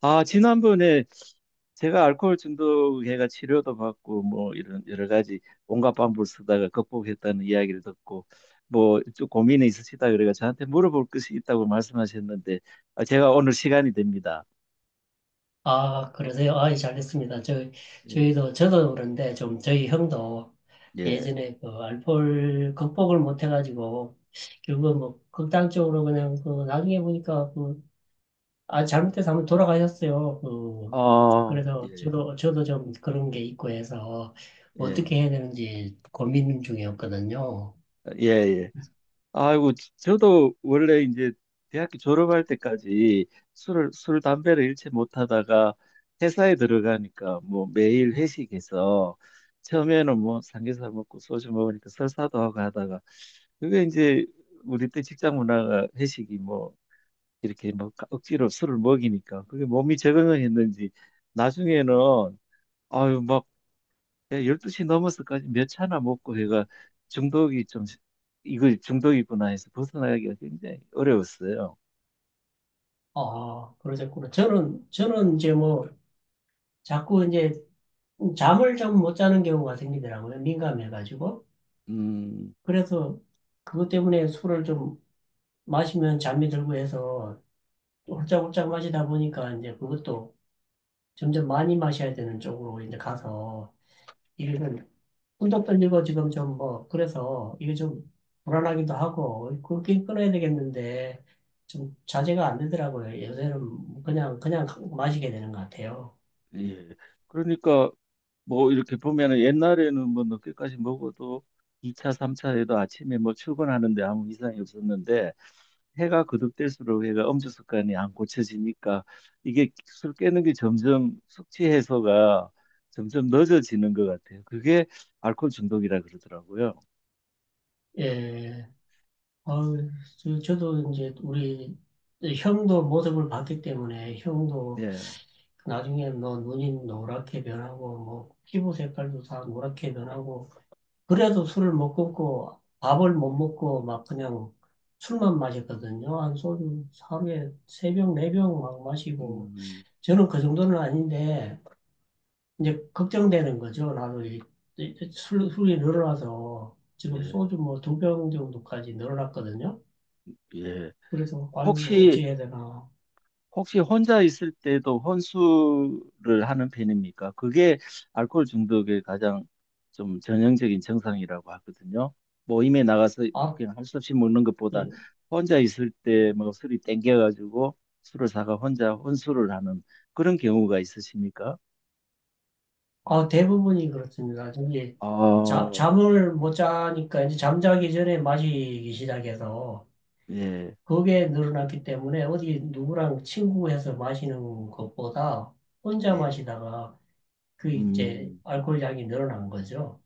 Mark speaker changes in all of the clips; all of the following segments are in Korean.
Speaker 1: 아, 지난번에 제가 알코올 중독해가 치료도 받고 뭐 이런 여러 가지 온갖 방법을 쓰다가 극복했다는 이야기를 듣고 뭐 좀 고민이 있으시다 그래가 저한테 물어볼 것이 있다고 말씀하셨는데 아, 제가 오늘 시간이 됩니다.
Speaker 2: 아, 그러세요? 아, 예, 잘했습니다.
Speaker 1: 예,
Speaker 2: 저희도, 저도 그런데 좀 저희 형도
Speaker 1: 예,
Speaker 2: 예전에 그 알코올 극복을 못 해가지고 결국은 뭐 극단적으로 그냥 그 나중에 보니까 그, 아, 잘못해서 한번 돌아가셨어요. 그,
Speaker 1: 어
Speaker 2: 그래서
Speaker 1: 예,
Speaker 2: 저도 좀 그런 게 있고 해서 어떻게
Speaker 1: 예,
Speaker 2: 해야 되는지 고민 중이었거든요.
Speaker 1: 아, 예, 예. 아이고, 저도 원래 이제 대학교 졸업할 때까지 술, 담배를 일체 못 하다가 회사에 들어가니까 뭐 매일 회식해서 처음에는 뭐 삼겹살 먹고 소주 먹으니까 설사도 하고 하다가 그게 이제 우리 때 직장 문화가 회식이 뭐 이렇게 뭐 억지로 술을 먹이니까 그게 몸이 적응을 했는지 나중에는 아유, 예, 12시 넘어서까지 몇 차나 먹고 해가 중독이 좀, 이거 중독이구나 해서 벗어나기가 굉장히 어려웠어요.
Speaker 2: 아, 그러셨구나. 저는 이제 뭐 자꾸 이제 잠을 좀 못 자는 경우가 생기더라고요. 민감해가지고.
Speaker 1: 음,
Speaker 2: 그래서 그것 때문에 술을 좀 마시면 잠이 들고 해서 홀짝홀짝 마시다 보니까 이제 그것도 점점 많이 마셔야 되는 쪽으로 이제 가서 이게 좀 꿈도 떨리고 지금 좀 뭐 그래서 이게 좀 불안하기도 하고 그렇게 끊어야 되겠는데 좀 자제가 안 되더라고요. 요새는 그냥 그냥 마시게 되는 것 같아요.
Speaker 1: 예. 그러니까 뭐 이렇게 보면은 옛날에는 뭐 늦게까지 먹어도 2차, 3차에도 아침에 뭐 출근하는데 아무 이상이 없었는데 해가 거듭될수록 해가 음주 습관이 안 고쳐지니까 이게 술 깨는 게 점점 숙취 해소가 점점 늦어지는 것 같아요. 그게 알코올 중독이라 그러더라고요.
Speaker 2: 예. 어 저, 저도 이제 우리 형도 모습을 봤기 때문에 형도
Speaker 1: 예.
Speaker 2: 나중에 뭐 눈이 노랗게 변하고 뭐 피부 색깔도 다 노랗게 변하고 그래도 술을 못 끊고 밥을 못 먹고 막 그냥 술만 마셨거든요. 한 소주 하루에 세 병, 네 병 막 마시고
Speaker 1: 음,
Speaker 2: 저는 그 정도는 아닌데 이제 걱정되는 거죠. 나도 이 술이 늘어나서 지금
Speaker 1: 예,
Speaker 2: 소주 뭐 두 병 정도까지 늘어났거든요.
Speaker 1: 예.
Speaker 2: 그래서 아이고 어찌
Speaker 1: 혹시,
Speaker 2: 해야 되나.
Speaker 1: 혹시 혼자 있을 때도 혼술을 하는 편입니까? 그게 알코올 중독의 가장 좀 전형적인 증상이라고 하거든요. 모임에 나가서
Speaker 2: 아,
Speaker 1: 그냥 할 수 없이 먹는 것보다
Speaker 2: 예,
Speaker 1: 혼자 있을 때 뭐 술이 땡겨가지고 술을 사가 혼자 혼술을 하는 그런 경우가 있으십니까?
Speaker 2: 어, 대부분이 그렇습니다. 이제
Speaker 1: 아,
Speaker 2: 잠을 못 자니까 이제 잠자기 전에 마시기 시작해서
Speaker 1: 예,
Speaker 2: 그게 늘어났기 때문에 어디 누구랑 친구해서 마시는 것보다 혼자
Speaker 1: 예.
Speaker 2: 마시다가 그 이제
Speaker 1: 음.
Speaker 2: 알코올 양이 늘어난 거죠.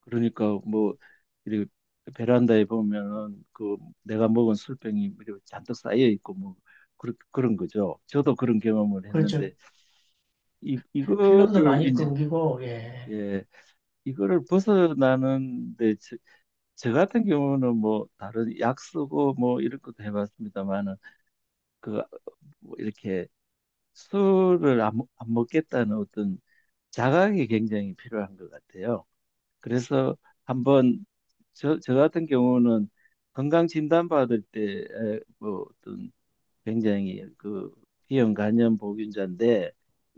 Speaker 1: 그러니까 뭐 이렇게 베란다에 보면은 그 내가 먹은 술병이 이렇게 잔뜩 쌓여 있고 뭐 그런 그런 거죠. 저도 그런 경험을
Speaker 2: 그렇죠.
Speaker 1: 했는데 이
Speaker 2: 필름도
Speaker 1: 이거를
Speaker 2: 많이
Speaker 1: 이제
Speaker 2: 끊기고, 예,
Speaker 1: 예, 이거를 벗어나는데 저 같은 경우는 뭐 다른 약 쓰고 뭐 이런 것도 해봤습니다만은 그뭐 이렇게 술을 안 먹겠다는 어떤 자각이 굉장히 필요한 것 같아요. 그래서 한번 저 같은 경우는 건강 진단 받을 때 뭐 어떤 굉장히 그 비형 간염 보균자인데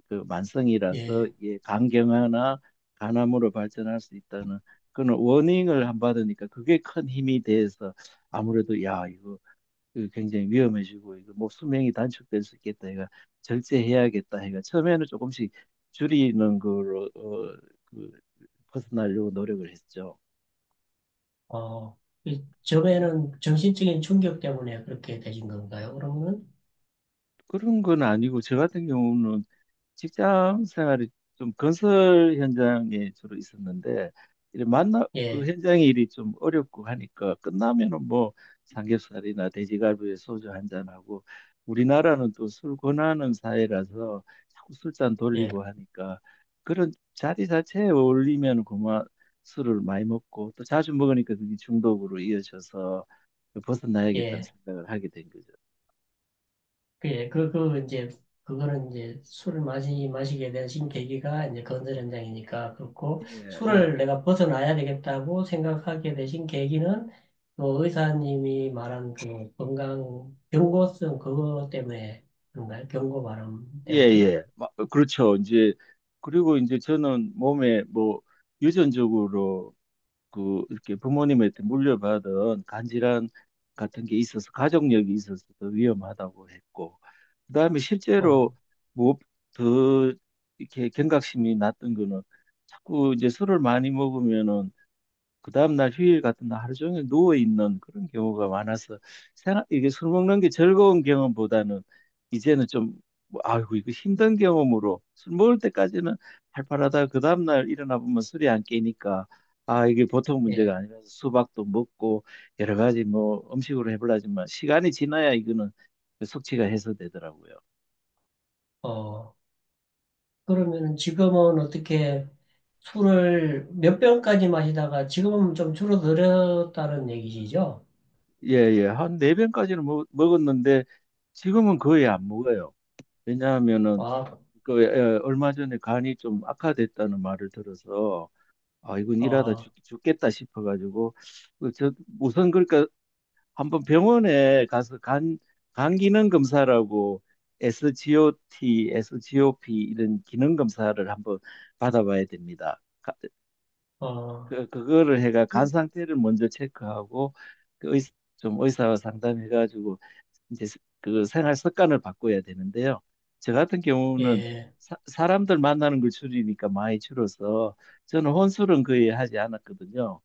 Speaker 1: 그 만성이라서
Speaker 2: 예,
Speaker 1: 이게 간경화나 간암으로 발전할 수 있다는 그런 워닝을 안 받으니까 그게 큰 힘이 돼서 아무래도 야 이거 그 굉장히 위험해지고 이거 뭐 수명이 단축될 수 있겠다 해가 절제해야겠다 해가 처음에는 조금씩 줄이는 거로 어, 그 벗어나려고 노력을 했죠.
Speaker 2: 어, 이 점에는 정신적인 충격 때문에 그렇게 되신 건가요? 그러면은,
Speaker 1: 그런 건 아니고 저 같은 경우는 직장 생활이 좀 건설 현장에 주로 있었는데 이래 만나 그
Speaker 2: 예,
Speaker 1: 현장 일이 좀 어렵고 하니까 끝나면은 뭐 삼겹살이나 돼지갈비에 소주 한 잔하고 우리나라는 또 술 권하는 사회라서 자꾸 술잔
Speaker 2: 예,
Speaker 1: 돌리고 하니까 그런 자리 자체에 어울리면 그만 술을 많이 먹고 또 자주 먹으니까 그게 중독으로 이어져서 벗어나야겠다는
Speaker 2: 예.
Speaker 1: 생각을 하게 된 거죠.
Speaker 2: 예, 그, 그, 이제, 그거는 이제 술을 마시게 되신 계기가 이제 건설 현장이니까 그렇고,
Speaker 1: 예, 예.
Speaker 2: 술을 내가 벗어나야 되겠다고 생각하게 되신 계기는 그 의사님이 말한 그 건강, 경고성 그거 때문에 그런가요? 경고 발람
Speaker 1: 예,
Speaker 2: 때문에?
Speaker 1: 예. 마- 그렇죠. 이제, 그리고 이제 저는 몸에 뭐, 유전적으로 그, 이렇게 부모님한테 물려받은 간질환 같은 게 있어서, 가족력이 있어서 더 위험하다고 했고, 그 다음에 실제로
Speaker 2: 어,
Speaker 1: 뭐, 더 이렇게 경각심이 났던 거는 자꾸 이제 술을 많이 먹으면은 그 다음날 휴일 같은 날 하루 종일 누워 있는 그런 경우가 많아서 생각, 이게 술 먹는 게 즐거운 경험보다는 이제는 좀 뭐, 아이고 이거 힘든 경험으로 술 먹을 때까지는 팔팔하다 그 다음날 일어나 보면 술이 안 깨니까 아 이게 보통
Speaker 2: 예,
Speaker 1: 문제가 아니라서 수박도 먹고 여러 가지 뭐 음식으로 해보려지만 시간이 지나야 이거는 숙취가 해소되더라고요.
Speaker 2: 어. 그러면은 지금은 어떻게 술을 몇 병까지 마시다가 지금은 좀 줄어들었다는 얘기시죠?
Speaker 1: 예예 한 네 병까지는 먹었는데 지금은 거의 안 먹어요. 왜냐하면은
Speaker 2: 아,
Speaker 1: 그 에, 얼마 전에 간이 좀 악화됐다는 말을 들어서 아 이건 일하다
Speaker 2: 어,
Speaker 1: 죽겠다 싶어가지고 그 저 우선 그러니까 한번 병원에 가서 간 기능 검사라고 SGOT, SGOP 이런 기능 검사를 한번 받아봐야 됩니다. 가-
Speaker 2: 어,
Speaker 1: 그 그거를 해가 간 상태를 먼저 체크하고 그 의, 좀 의사와 상담해가지고 이제 그 생활 습관을 바꿔야 되는데요. 저 같은 경우는
Speaker 2: 예.
Speaker 1: 람들 만나는 걸 줄이니까 많이 줄어서 저는 혼술은 거의 하지 않았거든요.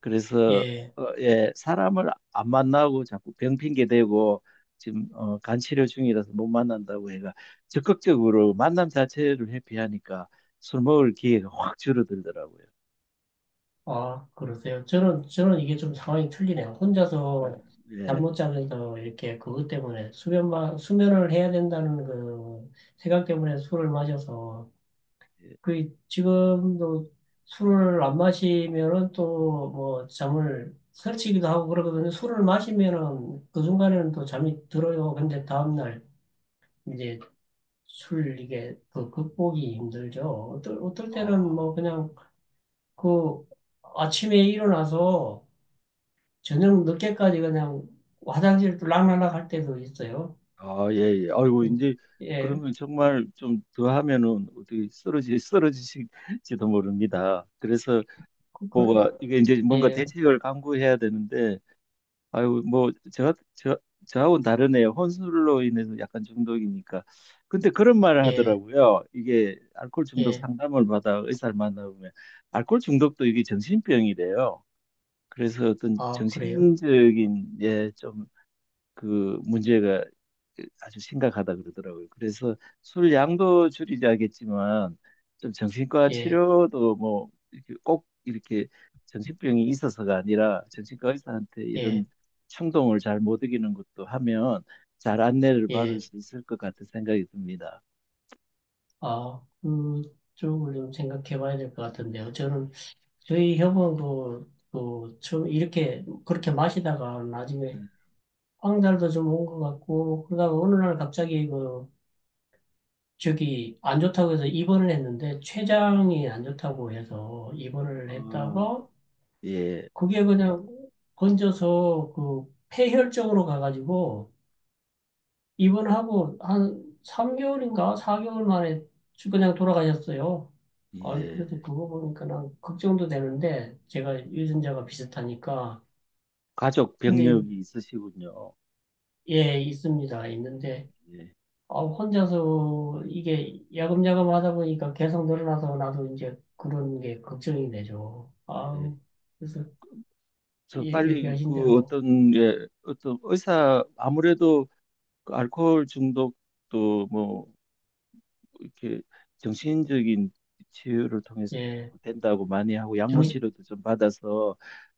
Speaker 1: 그래서
Speaker 2: 예,
Speaker 1: 어, 예, 사람을 안 만나고 자꾸 병 핑계 대고 지금 어, 간 치료 중이라서 못 만난다고 해가 적극적으로 만남 자체를 회피하니까 술 먹을 기회가 확 줄어들더라고요.
Speaker 2: 아, 그러세요. 저는 이게 좀 상황이 틀리네요. 혼자서 잠
Speaker 1: 예,
Speaker 2: 못 자면서 이렇게 그것 때문에 수면을 해야 된다는 그 생각 때문에 술을 마셔서
Speaker 1: 예.
Speaker 2: 그 지금도 술을 안 마시면은 또 뭐 잠을 설치기도 하고 그러거든요. 술을 마시면은 그 순간에는 또 잠이 들어요. 근데 다음날 이제 술 이게 그 극복이 힘들죠. 어떨 때는
Speaker 1: 어.
Speaker 2: 뭐 그냥 그 아침에 일어나서 저녁 늦게까지 그냥 화장실 락날락 할 때도 있어요.
Speaker 1: 아, 예, 예. 아이고,
Speaker 2: 음,
Speaker 1: 이제,
Speaker 2: 예,
Speaker 1: 그러면 정말 좀 더 하면은 어떻게 쓰러지실지도 모릅니다. 그래서
Speaker 2: 그, 그-
Speaker 1: 뭐가, 이게 이제 뭔가
Speaker 2: 예,
Speaker 1: 대책을 강구해야 되는데, 아이고, 뭐, 저하고는 다르네요. 혼술로 인해서 약간 중독이니까. 근데 그런 말을
Speaker 2: 예,
Speaker 1: 하더라고요. 이게 알코올 중독
Speaker 2: 예,
Speaker 1: 상담을 받아 의사를 만나보면, 알코올 중독도 이게 정신병이래요. 그래서 어떤
Speaker 2: 아, 그래요?
Speaker 1: 정신적인, 예, 좀 그 문제가 아주 심각하다 그러더라고요. 그래서 술 양도 줄이자겠지만 좀 정신과
Speaker 2: 예,
Speaker 1: 치료도 뭐 이렇게 꼭 이렇게 정신병이 있어서가 아니라 정신과 의사한테 이런
Speaker 2: 예,
Speaker 1: 충동을 잘 못 이기는 것도 하면 잘 안내를 받을
Speaker 2: 예,
Speaker 1: 수 있을 것 같은 생각이 듭니다.
Speaker 2: 아, 그쪽을 좀 생각해 봐야 될 것 같은데요. 저는 저희 협원도 그, 그 처음 이렇게, 그렇게 마시다가 나중에
Speaker 1: 음.
Speaker 2: 황달도 좀 온 것 같고, 그러다가 어느 날 갑자기 그, 저기 안 좋다고 해서 입원을 했는데, 췌장이 안 좋다고 해서 입원을
Speaker 1: 아,
Speaker 2: 했다가,
Speaker 1: 예,
Speaker 2: 그게 그냥 건져서 그 폐혈증으로 가가지고 입원하고 한 3개월인가 4개월 만에 그냥 돌아가셨어요. 아,
Speaker 1: 예.
Speaker 2: 그래도 그거 보니까 난 걱정도 되는데 제가 유전자가 비슷하니까.
Speaker 1: 가족
Speaker 2: 근데
Speaker 1: 병력이 있으시군요.
Speaker 2: 예, 있습니다. 있는데
Speaker 1: 예,
Speaker 2: 아, 혼자서 이게 야금야금 하다 보니까 계속 늘어나서 나도 이제 그런 게 걱정이 되죠.
Speaker 1: 예.
Speaker 2: 아 그래서
Speaker 1: 저
Speaker 2: 예,
Speaker 1: 빨리
Speaker 2: 얘기하신
Speaker 1: 그
Speaker 2: 대로
Speaker 1: 어떤 예, 어떤 의사 아무래도 그 알코올 중독도 뭐 이렇게 정신적인 치유를 통해서
Speaker 2: 예,
Speaker 1: 된다고 많이 하고 약물
Speaker 2: 정신
Speaker 1: 치료도 좀 받아서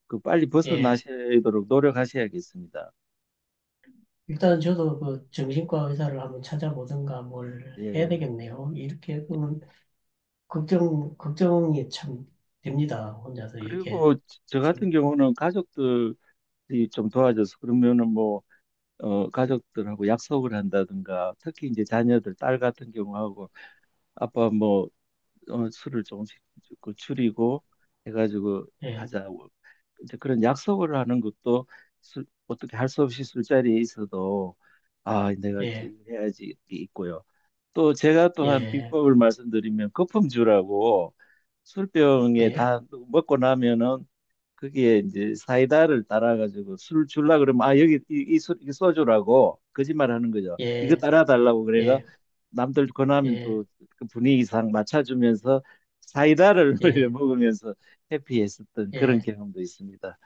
Speaker 1: 그 빨리
Speaker 2: 예.
Speaker 1: 벗어나시도록 노력하셔야겠습니다.
Speaker 2: 일단은 저도 그 정신과 의사를 한번 찾아보든가 뭘 해야
Speaker 1: 예.
Speaker 2: 되겠네요. 이렇게 보면 걱정이 참 됩니다. 혼자서 이렇게
Speaker 1: 그리고 저 같은
Speaker 2: 좀,
Speaker 1: 경우는 가족들이 좀 도와줘서 그러면은 뭐 어, 가족들하고 약속을 한다든가 특히 이제 자녀들 딸 같은 경우하고 아빠 뭐 어, 술을 조금씩 그 줄이고 해가지고
Speaker 2: 예,
Speaker 1: 하자고 이제 그런 약속을 하는 것도 술, 어떻게 할 수 없이 술자리에 있어도 아 내가 이제
Speaker 2: 예,
Speaker 1: 이거 해야지 이게 있고요. 또 제가 또한
Speaker 2: 예,
Speaker 1: 비법을 말씀드리면 거품주라고 술병에
Speaker 2: 예,
Speaker 1: 다 먹고 나면은 그게 이제 사이다를 따라가지고 술 줄라 그러면 아 여기 이 소주라고 거짓말하는 거죠. 이거
Speaker 2: 예,
Speaker 1: 따라 달라고 그래가
Speaker 2: 예,
Speaker 1: 남들 권하면
Speaker 2: 예,
Speaker 1: 또 그 분위기상 맞춰주면서 사이다를 올려
Speaker 2: 예,
Speaker 1: 먹으면서 해피했었던 그런
Speaker 2: 예.
Speaker 1: 경험도 있습니다.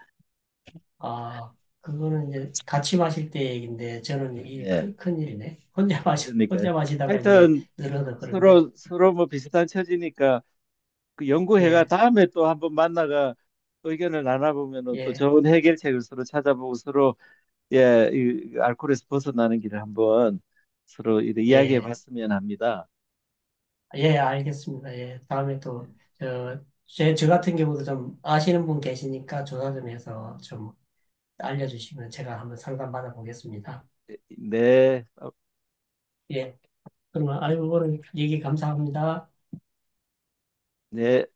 Speaker 2: 아, 그거는 이제 같이 마실 때 얘기인데 저는 이
Speaker 1: 예.
Speaker 2: 큰일이네.
Speaker 1: 그러니까
Speaker 2: 혼자 마시다가 이제
Speaker 1: 하여튼
Speaker 2: 늘어서 그런데,
Speaker 1: 서로 서로 뭐 비슷한 처지니까 그 연구회가
Speaker 2: 예,
Speaker 1: 다음에 또 한번 만나가 의견을 나눠보면은 또
Speaker 2: 예,
Speaker 1: 좋은 해결책을 서로 찾아보고 서로 예, 이 알코올에서 벗어나는 길을 한번 서로 이야기해
Speaker 2: 예.
Speaker 1: 봤으면 합니다.
Speaker 2: 예, 알겠습니다. 예, 다음에
Speaker 1: 네,
Speaker 2: 또, 저 같은 경우도 좀 아시는 분 계시니까 조사 좀 해서 좀 알려주시면 제가 한번 상담 받아보겠습니다.
Speaker 1: 네. 어,
Speaker 2: 예, 그러면 알고 보는 얘기 감사합니다.
Speaker 1: 네.